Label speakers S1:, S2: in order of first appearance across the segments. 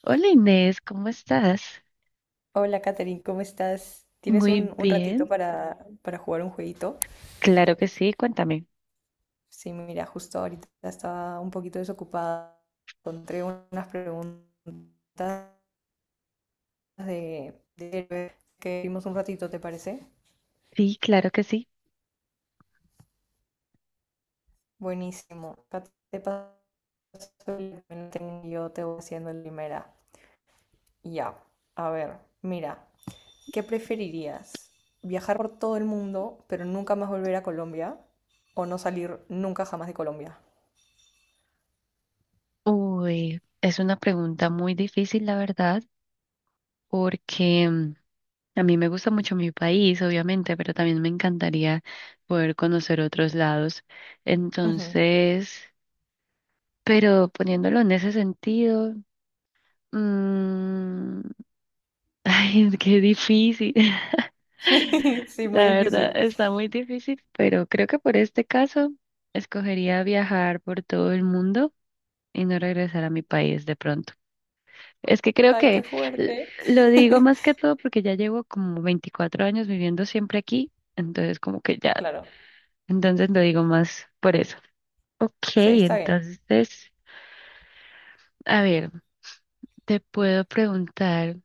S1: Hola Inés, ¿cómo estás?
S2: Hola, Katherine, ¿cómo estás? ¿Tienes
S1: Muy
S2: un ratito
S1: bien,
S2: para jugar un jueguito?
S1: claro que sí, cuéntame.
S2: Sí, mira, justo ahorita estaba un poquito desocupada. Encontré unas preguntas de que vimos un ratito, ¿te parece?
S1: Sí, claro que sí.
S2: Buenísimo. Acá te paso el link y yo te voy haciendo la primera. Ya, a ver, mira, ¿qué preferirías? ¿Viajar por todo el mundo, pero nunca más volver a Colombia? ¿O no salir nunca jamás de Colombia?
S1: Uy, es una pregunta muy difícil, la verdad, porque a mí me gusta mucho mi país, obviamente, pero también me encantaría poder conocer otros lados.
S2: Ujú.
S1: Entonces, pero poniéndolo en ese sentido, mm, ay, qué difícil.
S2: Sí, muy
S1: La verdad
S2: difícil.
S1: está muy difícil, pero creo que por este caso escogería viajar por todo el mundo y no regresar a mi país de pronto. Es que creo
S2: Ay, qué
S1: que l-
S2: fuerte.
S1: lo digo más que todo porque ya llevo como 24 años viviendo siempre aquí, entonces como que ya,
S2: Claro,
S1: entonces lo digo más por eso. Ok,
S2: sí, está bien.
S1: entonces, a ver, te puedo preguntar.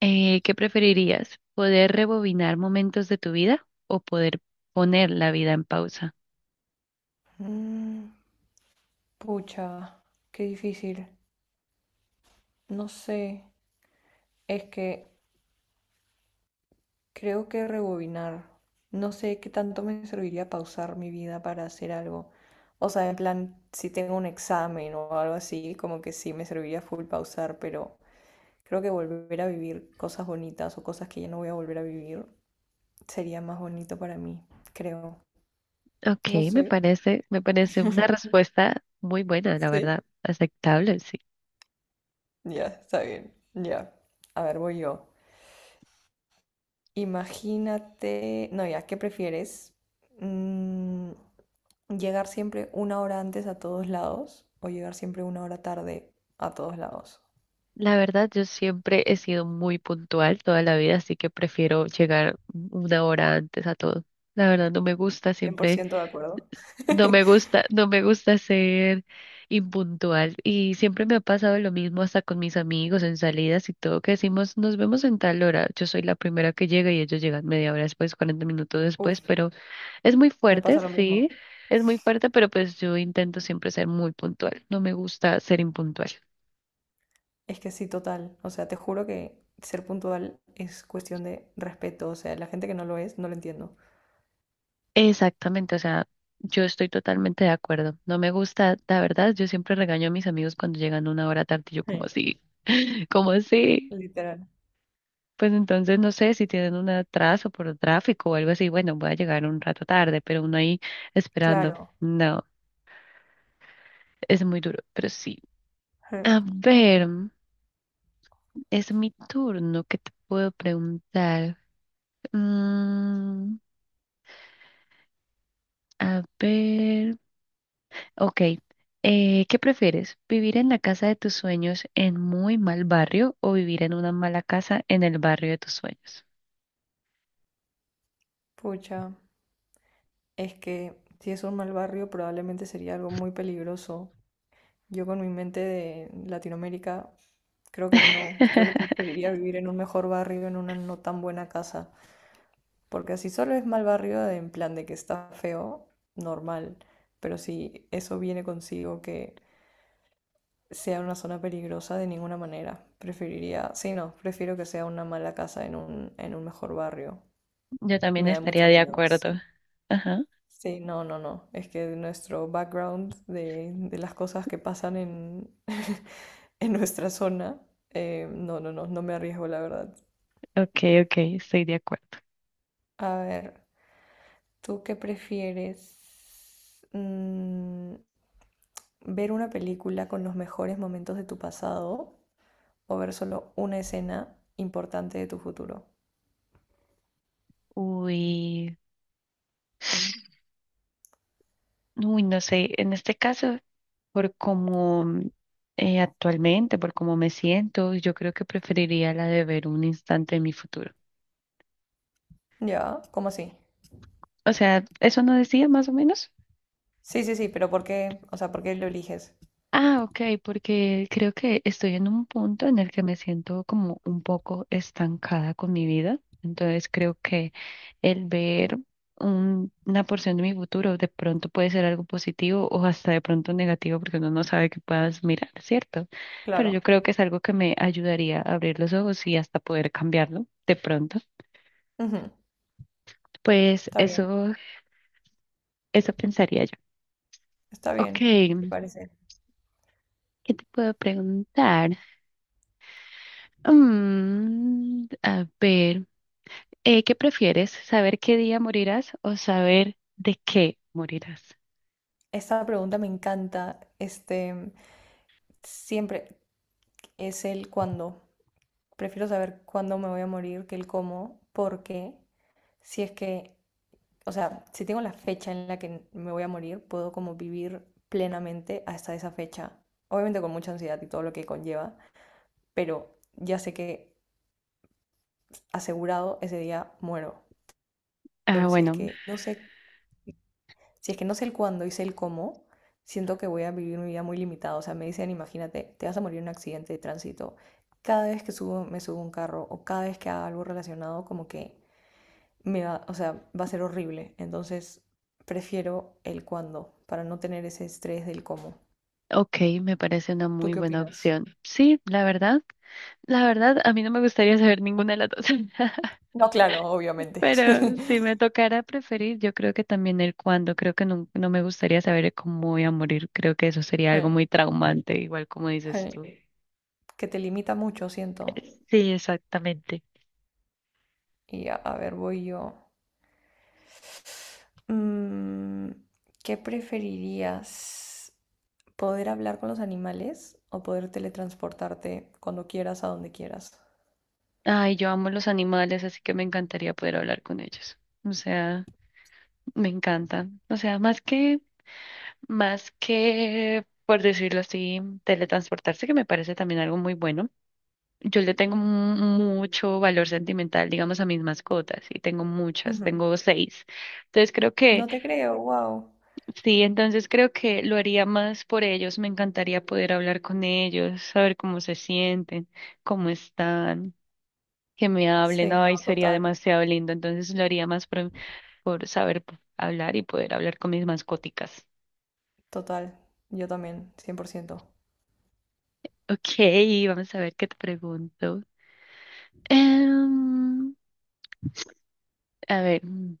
S1: ¿Qué preferirías? ¿Poder rebobinar momentos de tu vida o poder poner la vida en pausa?
S2: Mm, pucha, qué difícil. No sé, es que creo que rebobinar. No sé qué tanto me serviría pausar mi vida para hacer algo. O sea, en plan, si tengo un examen o algo así, como que sí me serviría full pausar, pero creo que volver a vivir cosas bonitas o cosas que ya no voy a volver a vivir sería más bonito para mí, creo.
S1: Ok,
S2: No sé.
S1: me parece una respuesta muy buena, la
S2: Sí.
S1: verdad, aceptable, sí.
S2: Ya, está bien. Ya. A ver, voy yo. Imagínate, no, ya, ¿qué prefieres? Mm, ¿Llegar siempre una hora antes a todos lados o llegar siempre una hora tarde a todos lados?
S1: La verdad, yo siempre he sido muy puntual toda la vida, así que prefiero llegar una hora antes a todo. La verdad, no me gusta
S2: Cien por
S1: siempre.
S2: ciento de acuerdo.
S1: No me gusta, no me gusta ser impuntual y siempre me ha pasado lo mismo hasta con mis amigos en salidas y todo que decimos nos vemos en tal hora. Yo soy la primera que llega y ellos llegan media hora después, 40 minutos después,
S2: Uf,
S1: pero es muy
S2: me
S1: fuerte,
S2: pasa lo mismo.
S1: sí, es muy fuerte, pero pues yo intento siempre ser muy puntual. No me gusta ser impuntual.
S2: Es que sí, total. O sea, te juro que ser puntual es cuestión de respeto. O sea, la gente que no lo es, no lo entiendo.
S1: Exactamente, o sea, yo estoy totalmente de acuerdo. No me gusta, la verdad, yo siempre regaño a mis amigos cuando llegan una hora tarde, y yo como
S2: Sí.
S1: así, como así.
S2: Literal.
S1: Pues entonces no sé si tienen un atraso por tráfico o algo así. Bueno, voy a llegar un rato tarde, pero uno ahí esperando.
S2: Claro.
S1: No, es muy duro, pero sí.
S2: Sí.
S1: A ver, es mi turno. ¿Qué te puedo preguntar? Mm, a ver. Ok. ¿Qué prefieres? ¿Vivir en la casa de tus sueños en muy mal barrio o vivir en una mala casa en el barrio de tus sueños?
S2: Pucha. Es que si es un mal barrio, probablemente sería algo muy peligroso. Yo con mi mente de Latinoamérica, creo que no. Creo que preferiría vivir en un mejor barrio, en una no tan buena casa. Porque si solo es mal barrio, en plan de que está feo, normal. Pero si eso viene consigo que sea una zona peligrosa, de ninguna manera. Preferiría, sí, no, prefiero que sea una mala casa en un mejor barrio.
S1: Yo también
S2: Me da
S1: estaría
S2: mucho
S1: de
S2: miedo,
S1: acuerdo.
S2: sí.
S1: Ajá.
S2: Sí, no, no, no. Es que nuestro background de las cosas que pasan en, en nuestra zona, no, no, no, no me arriesgo, la verdad.
S1: Ok, ok, estoy de acuerdo.
S2: A ver, ¿tú qué prefieres? ¿Ver una película con los mejores momentos de tu pasado o ver solo una escena importante de tu futuro?
S1: Uy, uy, no sé, en este caso, por cómo actualmente, por cómo me siento, yo creo que preferiría la de ver un instante de mi futuro.
S2: Ya, ¿cómo así?
S1: O sea, ¿eso no decía más o menos?
S2: Sí, sí, sí, pero ¿por qué? O sea, ¿por qué lo eliges?
S1: Ah, ok, porque creo que estoy en un punto en el que me siento como un poco estancada con mi vida. Entonces creo que el ver una porción de mi futuro de pronto puede ser algo positivo o hasta de pronto negativo porque uno no sabe qué puedas mirar, ¿cierto? Pero yo
S2: Claro.
S1: creo que es algo que me ayudaría a abrir los ojos y hasta poder cambiarlo de pronto.
S2: Ujú.
S1: Pues
S2: Está bien,
S1: eso pensaría yo.
S2: está
S1: Ok,
S2: bien, me parece.
S1: ¿qué te puedo preguntar? A ver. ¿Qué prefieres? ¿Saber qué día morirás o saber de qué morirás?
S2: Esta pregunta me encanta. Este, siempre es el cuándo. Prefiero saber cuándo me voy a morir que el cómo, porque si es que, o sea, si tengo la fecha en la que me voy a morir, puedo como vivir plenamente hasta esa fecha. Obviamente con mucha ansiedad y todo lo que conlleva, pero ya sé que asegurado ese día muero.
S1: Ah,
S2: Pero si es
S1: bueno,
S2: que no sé si es que no sé el cuándo y sé el cómo, siento que voy a vivir mi vida muy limitada. O sea, me dicen, imagínate, te vas a morir en un accidente de tránsito. Cada vez que me subo a un carro o cada vez que haga algo relacionado, como que o sea, va a ser horrible. Entonces, prefiero el cuándo para no tener ese estrés del cómo.
S1: ok, me parece una
S2: ¿Tú
S1: muy
S2: qué
S1: buena
S2: opinas?
S1: opción. Sí, la verdad, a mí no me gustaría saber ninguna de las dos,
S2: No, claro, obviamente.
S1: pero si me tocara preferir, yo creo que también el cuándo, creo que no, no me gustaría saber cómo voy a morir, creo que eso sería algo
S2: Ay,
S1: muy traumante, igual como dices tú.
S2: ay, que te limita mucho, siento.
S1: Sí, exactamente.
S2: Y a ver, voy yo. Mm, ¿Qué preferirías? Poder hablar con los animales o poder teletransportarte cuando quieras a donde quieras.
S1: Ay, yo amo los animales, así que me encantaría poder hablar con ellos. O sea, me encanta. O sea, más que... Más que, por decirlo así, teletransportarse, que me parece también algo muy bueno. Yo le tengo mucho valor sentimental, digamos, a mis mascotas, y tengo muchas,
S2: Ujú.
S1: tengo seis. Entonces creo que,
S2: No te creo, wow.
S1: sí, entonces creo que lo haría más por ellos. Me encantaría poder hablar con ellos, saber cómo se sienten, cómo están, que me hablen.
S2: Sí, no,
S1: Ay, sería
S2: total,
S1: demasiado lindo. Entonces lo haría más por saber hablar y poder hablar con mis mascóticas.
S2: total. Yo también, cien por ciento.
S1: Ok, vamos a ver qué te pregunto. Em, a ver,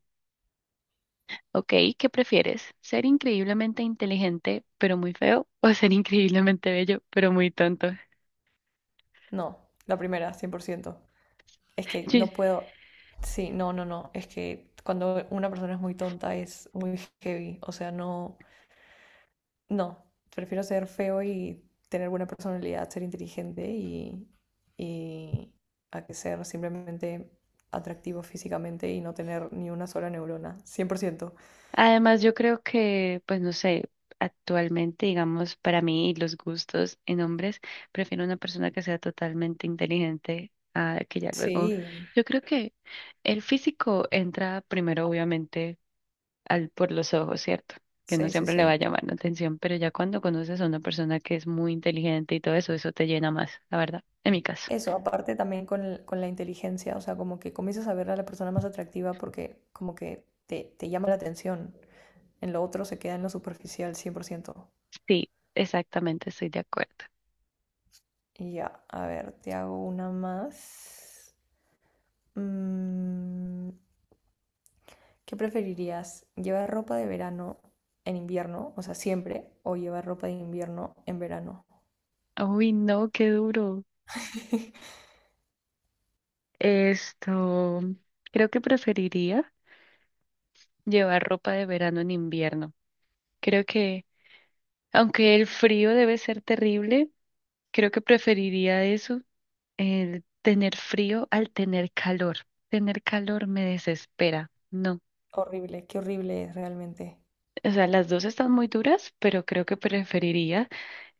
S1: ok, ¿qué prefieres? ¿Ser increíblemente inteligente pero muy feo o ser increíblemente bello pero muy tonto?
S2: No, la primera, cien por ciento. Es que
S1: Sí.
S2: no puedo. Sí, no, no, no. Es que cuando una persona es muy tonta es muy heavy. O sea, no, no, prefiero ser feo y tener buena personalidad, ser inteligente y a que ser simplemente atractivo físicamente y no tener ni una sola neurona, 100%.
S1: Además, yo creo que, pues no sé, actualmente, digamos, para mí y los gustos en hombres, prefiero una persona que sea totalmente inteligente a que ya luego.
S2: Sí,
S1: Yo creo que el físico entra primero, obviamente al, por los ojos, ¿cierto? Que no
S2: sí, sí,
S1: siempre le va
S2: sí.
S1: a llamar la atención, pero ya cuando conoces a una persona que es muy inteligente y todo eso, eso te llena más, la verdad, en mi caso.
S2: Eso, aparte también con la inteligencia, o sea, como que comienzas a ver a la persona más atractiva porque como que te llama la atención. En lo otro se queda en lo superficial 100%.
S1: Sí, exactamente, estoy de acuerdo.
S2: Y ya, a ver, te hago una más. Mm, ¿Qué preferirías? ¿Llevar ropa de verano en invierno, o sea, siempre, o llevar ropa de invierno en verano?
S1: Uy, no, qué duro. Esto, creo que preferiría llevar ropa de verano en invierno. Creo que, aunque el frío debe ser terrible, creo que preferiría eso, el tener frío al tener calor. Tener calor me desespera. No.
S2: Horrible, qué horrible es realmente.
S1: O sea, las dos están muy duras, pero creo que preferiría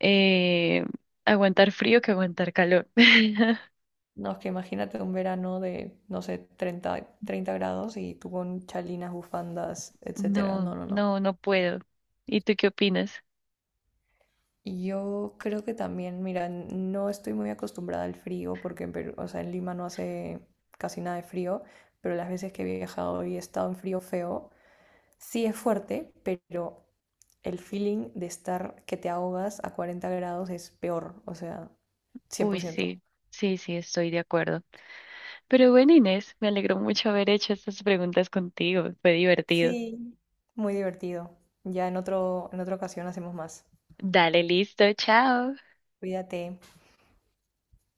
S1: eh, aguantar frío que aguantar calor.
S2: No, es que imagínate un verano de, no sé, treinta grados y tú con chalinas, bufandas, etcétera. No,
S1: No,
S2: no, no.
S1: no, no puedo. ¿Y tú qué opinas?
S2: Y yo creo que también, mira, no estoy muy acostumbrada al frío porque o sea, en Lima no hace casi nada de frío, pero las veces que he viajado y he estado en frío feo, sí es fuerte, pero el feeling de estar que te ahogas a 40 grados es peor, o sea,
S1: Uy,
S2: 100%.
S1: sí, sí, sí, estoy de acuerdo. Pero bueno, Inés, me alegró mucho haber hecho estas preguntas contigo. Fue divertido.
S2: Sí, muy divertido. Ya en otra ocasión hacemos más.
S1: Dale, listo, chao.
S2: Cuídate.